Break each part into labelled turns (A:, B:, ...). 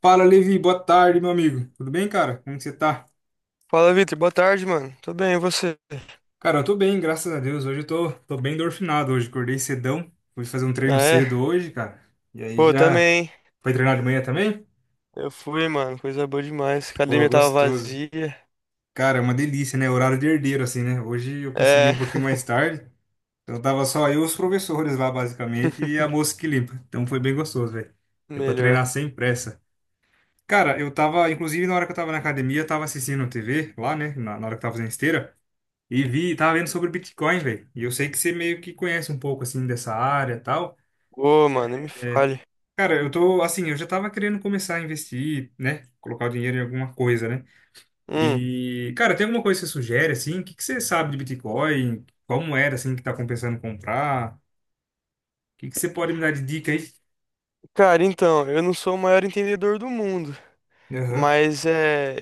A: Fala, Levi, boa tarde, meu amigo. Tudo bem, cara? Como que você tá?
B: Fala, Vitor. Boa tarde, mano. Tô bem, e você?
A: Cara, eu tô bem, graças a Deus. Hoje eu tô bem endorfinado hoje. Acordei cedão. Fui fazer um treino
B: Ah, é?
A: cedo hoje, cara. E aí
B: Pô,
A: já.
B: também, hein?
A: Foi treinar de manhã também?
B: Eu fui, mano. Coisa boa demais. A
A: Pô,
B: academia tava
A: gostoso.
B: vazia.
A: Cara, é uma delícia, né? Horário de herdeiro, assim, né? Hoje eu consegui
B: É.
A: um pouquinho mais tarde. Então tava só eu e os professores lá, basicamente, e a moça que limpa. Então foi bem gostoso, velho. Deu pra
B: Melhor.
A: treinar sem pressa. Cara, eu tava, inclusive na hora que eu tava na academia, eu tava assistindo TV lá, né? Na hora que eu tava fazendo esteira. E vi, tava vendo sobre o Bitcoin, velho. E eu sei que você meio que conhece um pouco assim dessa área e tal.
B: Ô, mano, nem me
A: É,
B: fale.
A: cara, eu tô assim, eu já tava querendo começar a investir, né? Colocar o dinheiro em alguma coisa, né?
B: Hum.
A: E, cara, tem alguma coisa que você sugere assim? O que que você sabe de Bitcoin? Qual moeda assim que tá compensando comprar? O que que você pode me dar de dica aí?
B: Cara, então, eu não sou o maior entendedor do mundo,
A: Aham.
B: mas é.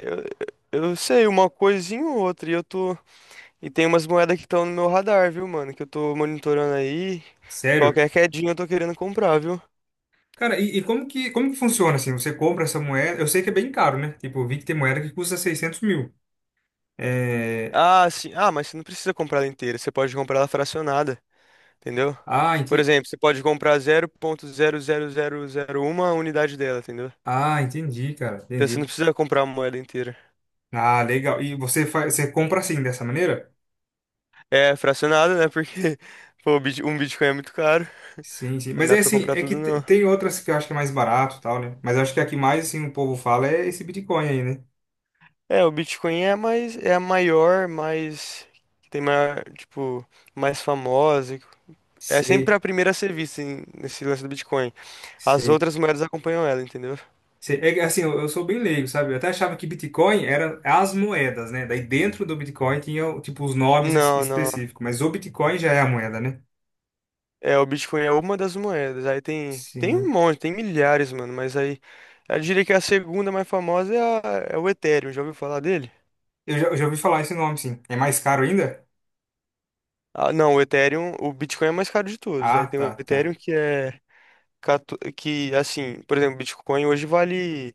B: Eu sei uma coisinha ou outra. E eu tô. E tem umas moedas que estão no meu radar, viu, mano? Que eu tô monitorando aí.
A: Sério?
B: Qualquer quedinha eu tô querendo comprar, viu?
A: Cara, e como que funciona assim? Você compra essa moeda? Eu sei que é bem caro, né? Tipo, eu vi que tem moeda que custa 600 mil. É...
B: Ah, sim. Ah, mas você não precisa comprar ela inteira. Você pode comprar ela fracionada, entendeu?
A: Ah,
B: Por
A: ente
B: exemplo, você pode comprar 0,00001 a unidade dela, entendeu?
A: Ah, entendi, cara.
B: Então você não
A: Entendi.
B: precisa comprar uma moeda inteira.
A: Ah, legal. E você compra assim, dessa maneira?
B: É fracionado, né? Porque pô, um Bitcoin é muito caro.
A: Sim, sim.
B: Não
A: Mas
B: dá
A: é
B: pra
A: assim,
B: comprar
A: é que
B: tudo, não.
A: tem outras que eu acho que é mais barato e tal, né? Mas eu acho que a que mais assim, o povo fala é esse Bitcoin aí, né?
B: É, o Bitcoin é a mais, é a maior, mais que tem maior, tipo, mais famosa. É sempre
A: Sei,
B: a primeira a ser vista nesse lance do Bitcoin. As
A: sei.
B: outras moedas acompanham ela, entendeu?
A: Sei. É que, assim, eu sou bem leigo, sabe? Eu até achava que Bitcoin era as moedas, né? Daí dentro do Bitcoin tinha, tipo, os nomes
B: Não, não.
A: específicos. Mas o Bitcoin já é a moeda, né?
B: É, o Bitcoin é uma das moedas. Aí tem um
A: Sim.
B: monte, tem milhares, mano. Mas aí, eu diria que é a segunda mais famosa é o Ethereum. Já ouviu falar dele?
A: Eu já ouvi falar esse nome, sim. É mais caro ainda?
B: Ah, não, o Ethereum, o Bitcoin é mais caro de todos. Aí
A: Ah,
B: tem o
A: tá, tá.
B: Ethereum que é 14 que assim, por exemplo, o Bitcoin hoje vale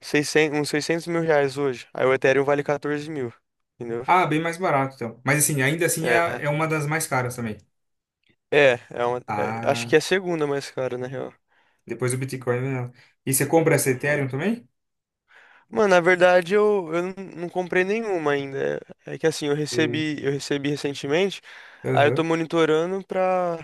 B: 600, uns 600.000 reais hoje. Aí o Ethereum vale 14 mil, entendeu?
A: Ah, bem mais barato, então. Mas assim, ainda assim é,
B: É,
A: é uma das mais caras também.
B: é, acho que
A: Ah.
B: é a segunda mais cara, na real.
A: Depois o Bitcoin vem ela. E você compra essa
B: Aham.
A: Ethereum também?
B: Mano, na verdade eu não comprei nenhuma ainda. É que assim, eu
A: Sei.
B: recebi, eu recebi recentemente, aí eu tô
A: Aham.
B: monitorando pra,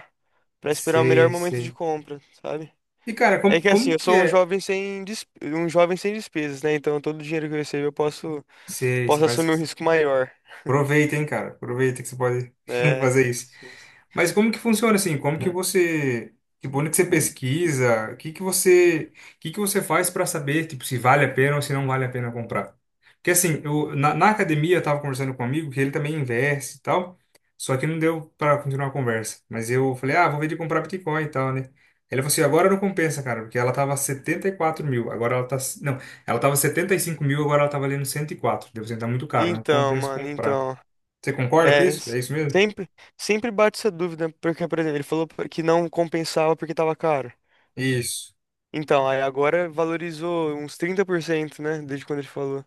B: pra esperar o melhor
A: Sei,
B: momento de
A: sei.
B: compra, sabe?
A: E, cara,
B: É
A: como,
B: que assim,
A: como
B: eu
A: que
B: sou um
A: é?
B: jovem sem, des- um jovem sem despesas, né? Então todo o dinheiro que eu recebo eu posso,
A: Sei, você
B: posso
A: faz.
B: assumir um risco maior,
A: Aproveita, hein, cara. Aproveita que você pode
B: né?
A: fazer isso.
B: Sim, sim.
A: Mas como que funciona assim? Como que você, tipo, onde que você pesquisa? O que que você, o que que você faz para saber, tipo, se vale a pena ou se não vale a pena comprar? Porque assim, eu na academia eu tava conversando com um amigo que ele também investe e tal, só que não deu para continuar a conversa. Mas eu falei: "Ah, vou ver de comprar Bitcoin e tal, né?" Ele falou assim: "Agora não compensa, cara, porque ela tava 74 mil, agora ela tá, não, ela tava 75 mil, agora ela tá valendo 104. Deve ser tá muito caro, não
B: Então,
A: compensa
B: mano,
A: comprar."
B: então.
A: Você concorda com
B: É,
A: isso? É
B: s-
A: isso mesmo?
B: sempre, sempre bate essa dúvida, porque, por exemplo, ele falou que não compensava porque tava caro.
A: Isso.
B: Então, aí agora valorizou uns 30%, né? Desde quando ele falou.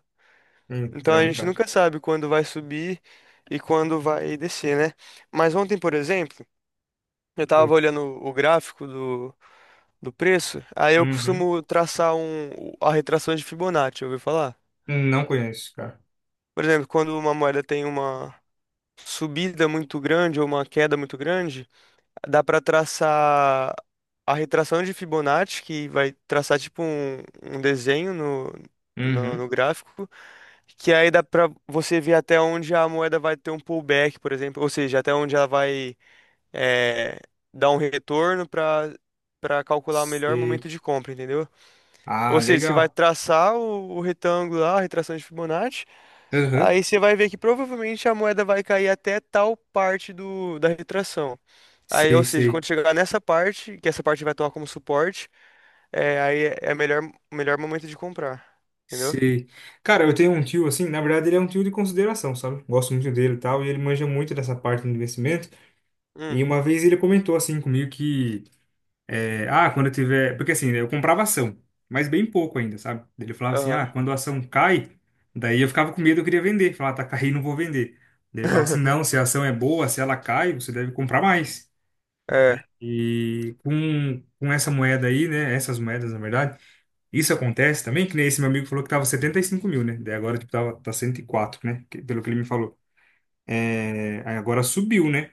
B: Então a
A: Então,
B: gente
A: cara.
B: nunca sabe quando vai subir e quando vai descer, né? Mas ontem, por exemplo, eu tava
A: eu-
B: olhando o gráfico do preço, aí eu
A: Uhum.
B: costumo traçar a retração de Fibonacci, ouviu falar?
A: Não conheço, cara.
B: Por exemplo, quando uma moeda tem uma subida muito grande ou uma queda muito grande, dá para traçar a retração de Fibonacci, que vai traçar tipo um desenho no
A: Uhum.
B: gráfico. Que aí dá pra você ver até onde a moeda vai ter um pullback, por exemplo, ou seja, até onde ela vai eh, dar um retorno para calcular o melhor
A: Sei.
B: momento de compra, entendeu?
A: Ah,
B: Ou seja, você vai
A: legal.
B: traçar o retângulo lá, a retração de Fibonacci,
A: Uhum.
B: aí você vai ver que provavelmente a moeda vai cair até tal parte da retração. Aí,
A: Sei,
B: ou seja,
A: sei,
B: quando chegar nessa parte, que essa parte vai tomar como suporte, aí é o melhor momento de comprar, entendeu?
A: sei. Cara, eu tenho um tio assim, na verdade ele é um tio de consideração, sabe? Gosto muito dele e tal, e ele manja muito dessa parte do investimento. E
B: Hum,
A: uma vez ele comentou assim comigo que, quando eu tiver. Porque assim, né, eu comprava ação, mas bem pouco ainda, sabe? Ele falava assim, ah,
B: aham.
A: quando a ação cai, daí eu ficava com medo, eu queria vender. Falava: "Ah, tá caindo, não vou vender. Daí ele falava assim, não, se a ação é boa, se ela cai, você deve comprar mais."
B: É.
A: E com essa moeda aí, né? Essas moedas, na verdade, isso acontece também, que nem esse meu amigo falou que tava 75 mil, né? Daí agora, tipo, tava, tá 104, né? Pelo que ele me falou. É, aí agora subiu, né?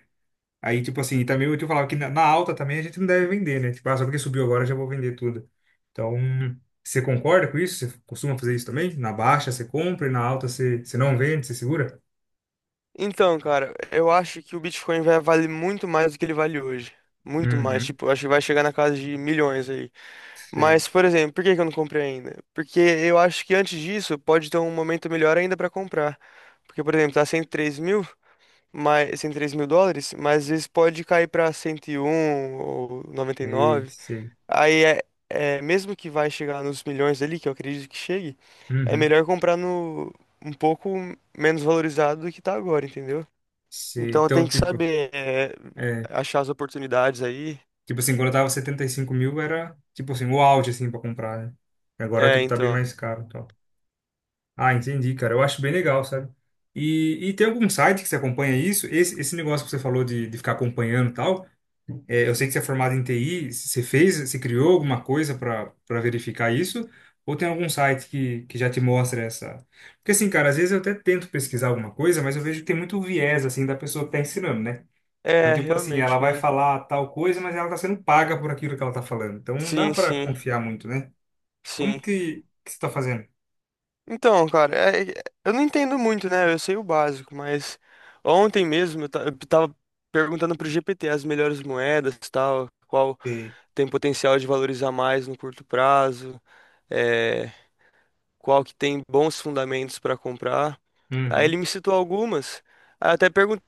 A: Aí, tipo assim, também eu te falava que na alta também a gente não deve vender, né? Tipo, ah, só porque subiu agora eu já vou vender tudo. Então, você concorda com isso? Você costuma fazer isso também? Na baixa você compra e na alta você não vende, você segura?
B: Então, cara, eu acho que o Bitcoin vai valer muito mais do que ele vale hoje. Muito mais,
A: Uhum.
B: tipo, eu acho que vai chegar na casa de milhões aí.
A: Sei,
B: Mas, por exemplo, por que que eu não comprei ainda? Porque eu acho que antes disso pode ter um momento melhor ainda pra comprar. Porque, por exemplo, tá 103.000, mas US$ 103.000, mas às vezes pode cair pra 101 ou noventa e
A: sei,
B: nove
A: sei.
B: Aí mesmo que vai chegar nos milhões ali, que eu acredito que chegue, é
A: Uhum.
B: melhor comprar no um pouco menos valorizado do que tá agora, entendeu?
A: Sei.
B: Então tem
A: Então,
B: que
A: tipo.
B: saber, é,
A: é,
B: achar as oportunidades aí.
A: Tipo assim, quando eu tava 75 mil era, tipo assim, o auge, assim, pra comprar, né? Agora,
B: É,
A: tipo, tá bem
B: então.
A: mais caro e tal. Ah, entendi, cara. Eu acho bem legal, sabe? E tem algum site que você acompanha isso? Esse negócio que você falou de ficar acompanhando e tal, eu sei que você é formado em TI, você criou alguma coisa para verificar isso? Ou tem algum site que já te mostra essa... Porque assim, cara, às vezes eu até tento pesquisar alguma coisa, mas eu vejo que tem muito viés, assim, da pessoa que tá ensinando, né? Então,
B: É,
A: tipo assim,
B: realmente,
A: ela vai
B: mano.
A: falar tal coisa, mas ela está sendo paga por aquilo que ela está falando. Então, não dá
B: Sim,
A: para
B: sim,
A: confiar muito, né? Como
B: sim.
A: que você está fazendo?
B: Então, cara, eu não entendo muito, né? Eu sei o básico, mas ontem mesmo eu tava perguntando pro GPT as melhores moedas e tal, qual
A: E-
B: tem potencial de valorizar mais no curto prazo, é, qual que tem bons fundamentos pra comprar. Aí
A: Uhum.
B: ele me citou algumas. Aí eu até perguntei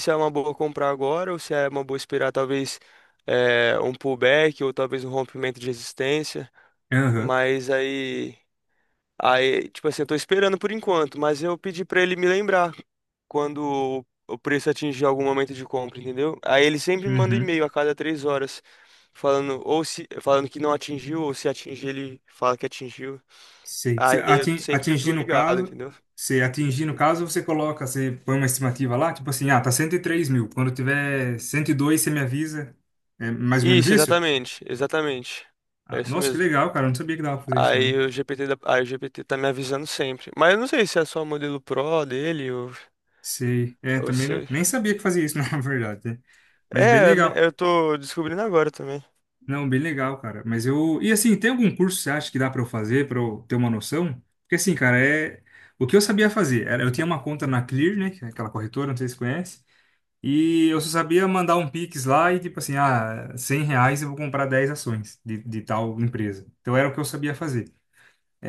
B: se é uma boa comprar agora ou se é uma boa esperar talvez um pullback ou talvez um rompimento de resistência.
A: Aham.
B: Mas aí, tipo assim, eu tô esperando por enquanto, mas eu pedi pra ele me lembrar quando o preço atingir algum momento de compra, entendeu? Aí ele sempre me manda
A: Uhum.
B: e-mail a cada 3 horas falando ou se falando que não atingiu ou se atingir ele fala que atingiu.
A: Sei. Você
B: Aí eu
A: atin-
B: sempre
A: atingir
B: tô
A: no
B: ligado,
A: caso,
B: entendeu?
A: você atingir no caso, você coloca, você põe uma estimativa lá, tipo assim, ah, tá 103 mil. Quando tiver 102 você me avisa. É mais ou menos
B: Isso,
A: isso?
B: exatamente, exatamente. É
A: Ah,
B: isso
A: nossa, que
B: mesmo.
A: legal, cara. Eu não sabia que dava pra fazer isso, não.
B: Aí o GPT tá me avisando sempre. Mas eu não sei se é só o modelo Pro dele
A: Sei. É,
B: ou
A: também não,
B: se.
A: nem sabia que fazia isso, na verdade, né? Mas bem
B: É, é, me-
A: legal.
B: eu tô descobrindo agora também.
A: Não, bem legal, cara. Mas eu. E assim, tem algum curso que você acha que dá pra eu fazer, pra eu ter uma noção? Porque assim, cara, é. O que eu sabia fazer era. Eu tinha uma conta na Clear, né? Que é aquela corretora, não sei se você conhece. E eu só sabia mandar um Pix lá e tipo assim, ah, R$ 100 eu vou comprar 10 ações de tal empresa. Então era o que eu sabia fazer.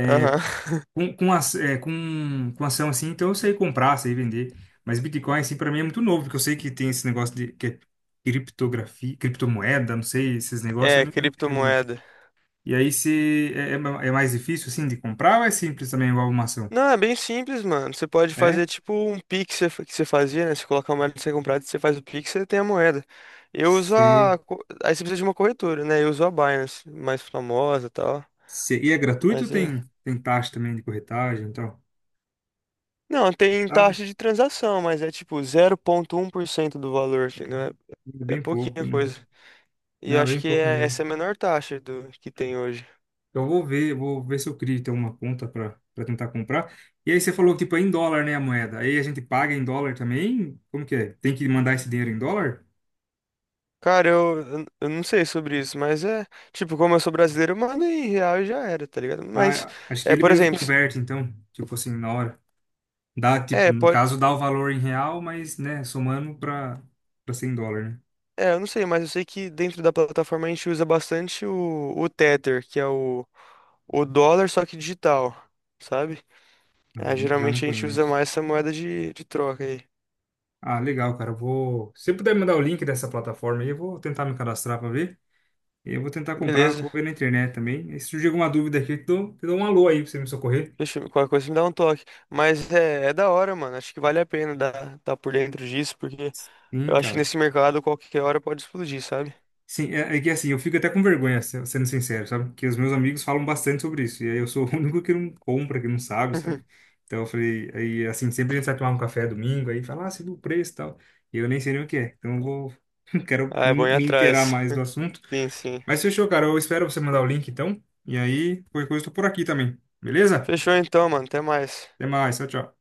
B: Aham.
A: Com, as, é, com ação assim, então eu sei comprar, sei vender. Mas Bitcoin, assim, pra mim é muito novo, porque eu sei que tem esse negócio de, que é criptografia, criptomoeda, não sei, esses negócios, eu
B: É,
A: não entendo muito.
B: criptomoeda.
A: E aí se é mais difícil assim de comprar ou é simples também igual uma ação?
B: Não, é bem simples, mano. Você pode fazer
A: É?
B: tipo um Pix que você fazia, né? Você coloca a moeda que você comprar, você faz o Pix, você tem a moeda. Eu uso
A: Se,
B: a. co- Aí você precisa de uma corretora, né? Eu uso a Binance, mais famosa e tal.
A: se, e é gratuito ou
B: Mas é.
A: tem taxa também de corretagem e tal?
B: Não, tem
A: Sabe?
B: taxa de transação, mas é tipo 0,1% do valor, entendeu?
A: É
B: É, é
A: bem pouco,
B: pouquinha
A: né?
B: coisa. E eu
A: Não, é
B: acho
A: bem
B: que
A: pouco mesmo.
B: essa é a menor taxa do que tem hoje.
A: Então, eu vou ver, se eu crio então uma conta para tentar comprar. E aí você falou tipo é em dólar, né, a moeda? Aí a gente paga em dólar também? Como que é? Tem que mandar esse dinheiro em dólar?
B: Cara, eu não sei sobre isso, mas é. Tipo, como eu sou brasileiro, manda em real e já era, tá ligado? Mas,
A: Ah, acho que
B: é,
A: ele
B: por
A: mesmo
B: exemplo,
A: converte então, tipo assim, na hora. Dá, tipo,
B: é,
A: no
B: pode.
A: caso, dá o valor em real, mas, né, somando para US$ 100, né?
B: É, eu não sei, mas eu sei que dentro da plataforma a gente usa bastante o Tether, que é o dólar, só que digital, sabe?
A: Ah,
B: Ah,
A: já não
B: geralmente a gente usa
A: conheço.
B: mais essa moeda de troca aí.
A: Ah, legal, cara. Eu vou. Se você puder me mandar o link dessa plataforma aí, eu vou tentar me cadastrar para ver. E eu vou tentar comprar,
B: Beleza.
A: vou ver na internet também. E se surgir alguma dúvida aqui, eu te dou um alô aí para você me socorrer.
B: Deixa, qualquer coisa me dá um toque. Mas é da hora, mano. Acho que vale a pena dar por dentro disso, porque eu
A: Sim,
B: acho que
A: cara.
B: nesse mercado qualquer hora pode explodir, sabe?
A: Sim, é que assim, eu fico até com vergonha, sendo sincero, sabe? Porque os meus amigos falam bastante sobre isso, e aí eu sou o único que não compra, que não sabe, sabe? Então eu falei, aí assim, sempre a gente vai tomar um café domingo, aí fala, ah, você viu o preço e tal, e eu nem sei nem o que é, então eu vou, quero
B: Ah, é bom
A: me,
B: ir
A: me inteirar
B: atrás.
A: mais do assunto.
B: Sim, sim.
A: Mas fechou, cara, eu espero você mandar o link então, e aí, qualquer coisa, eu tô por aqui também, beleza?
B: Fechou então, mano. Até mais.
A: Até mais, tchau, tchau.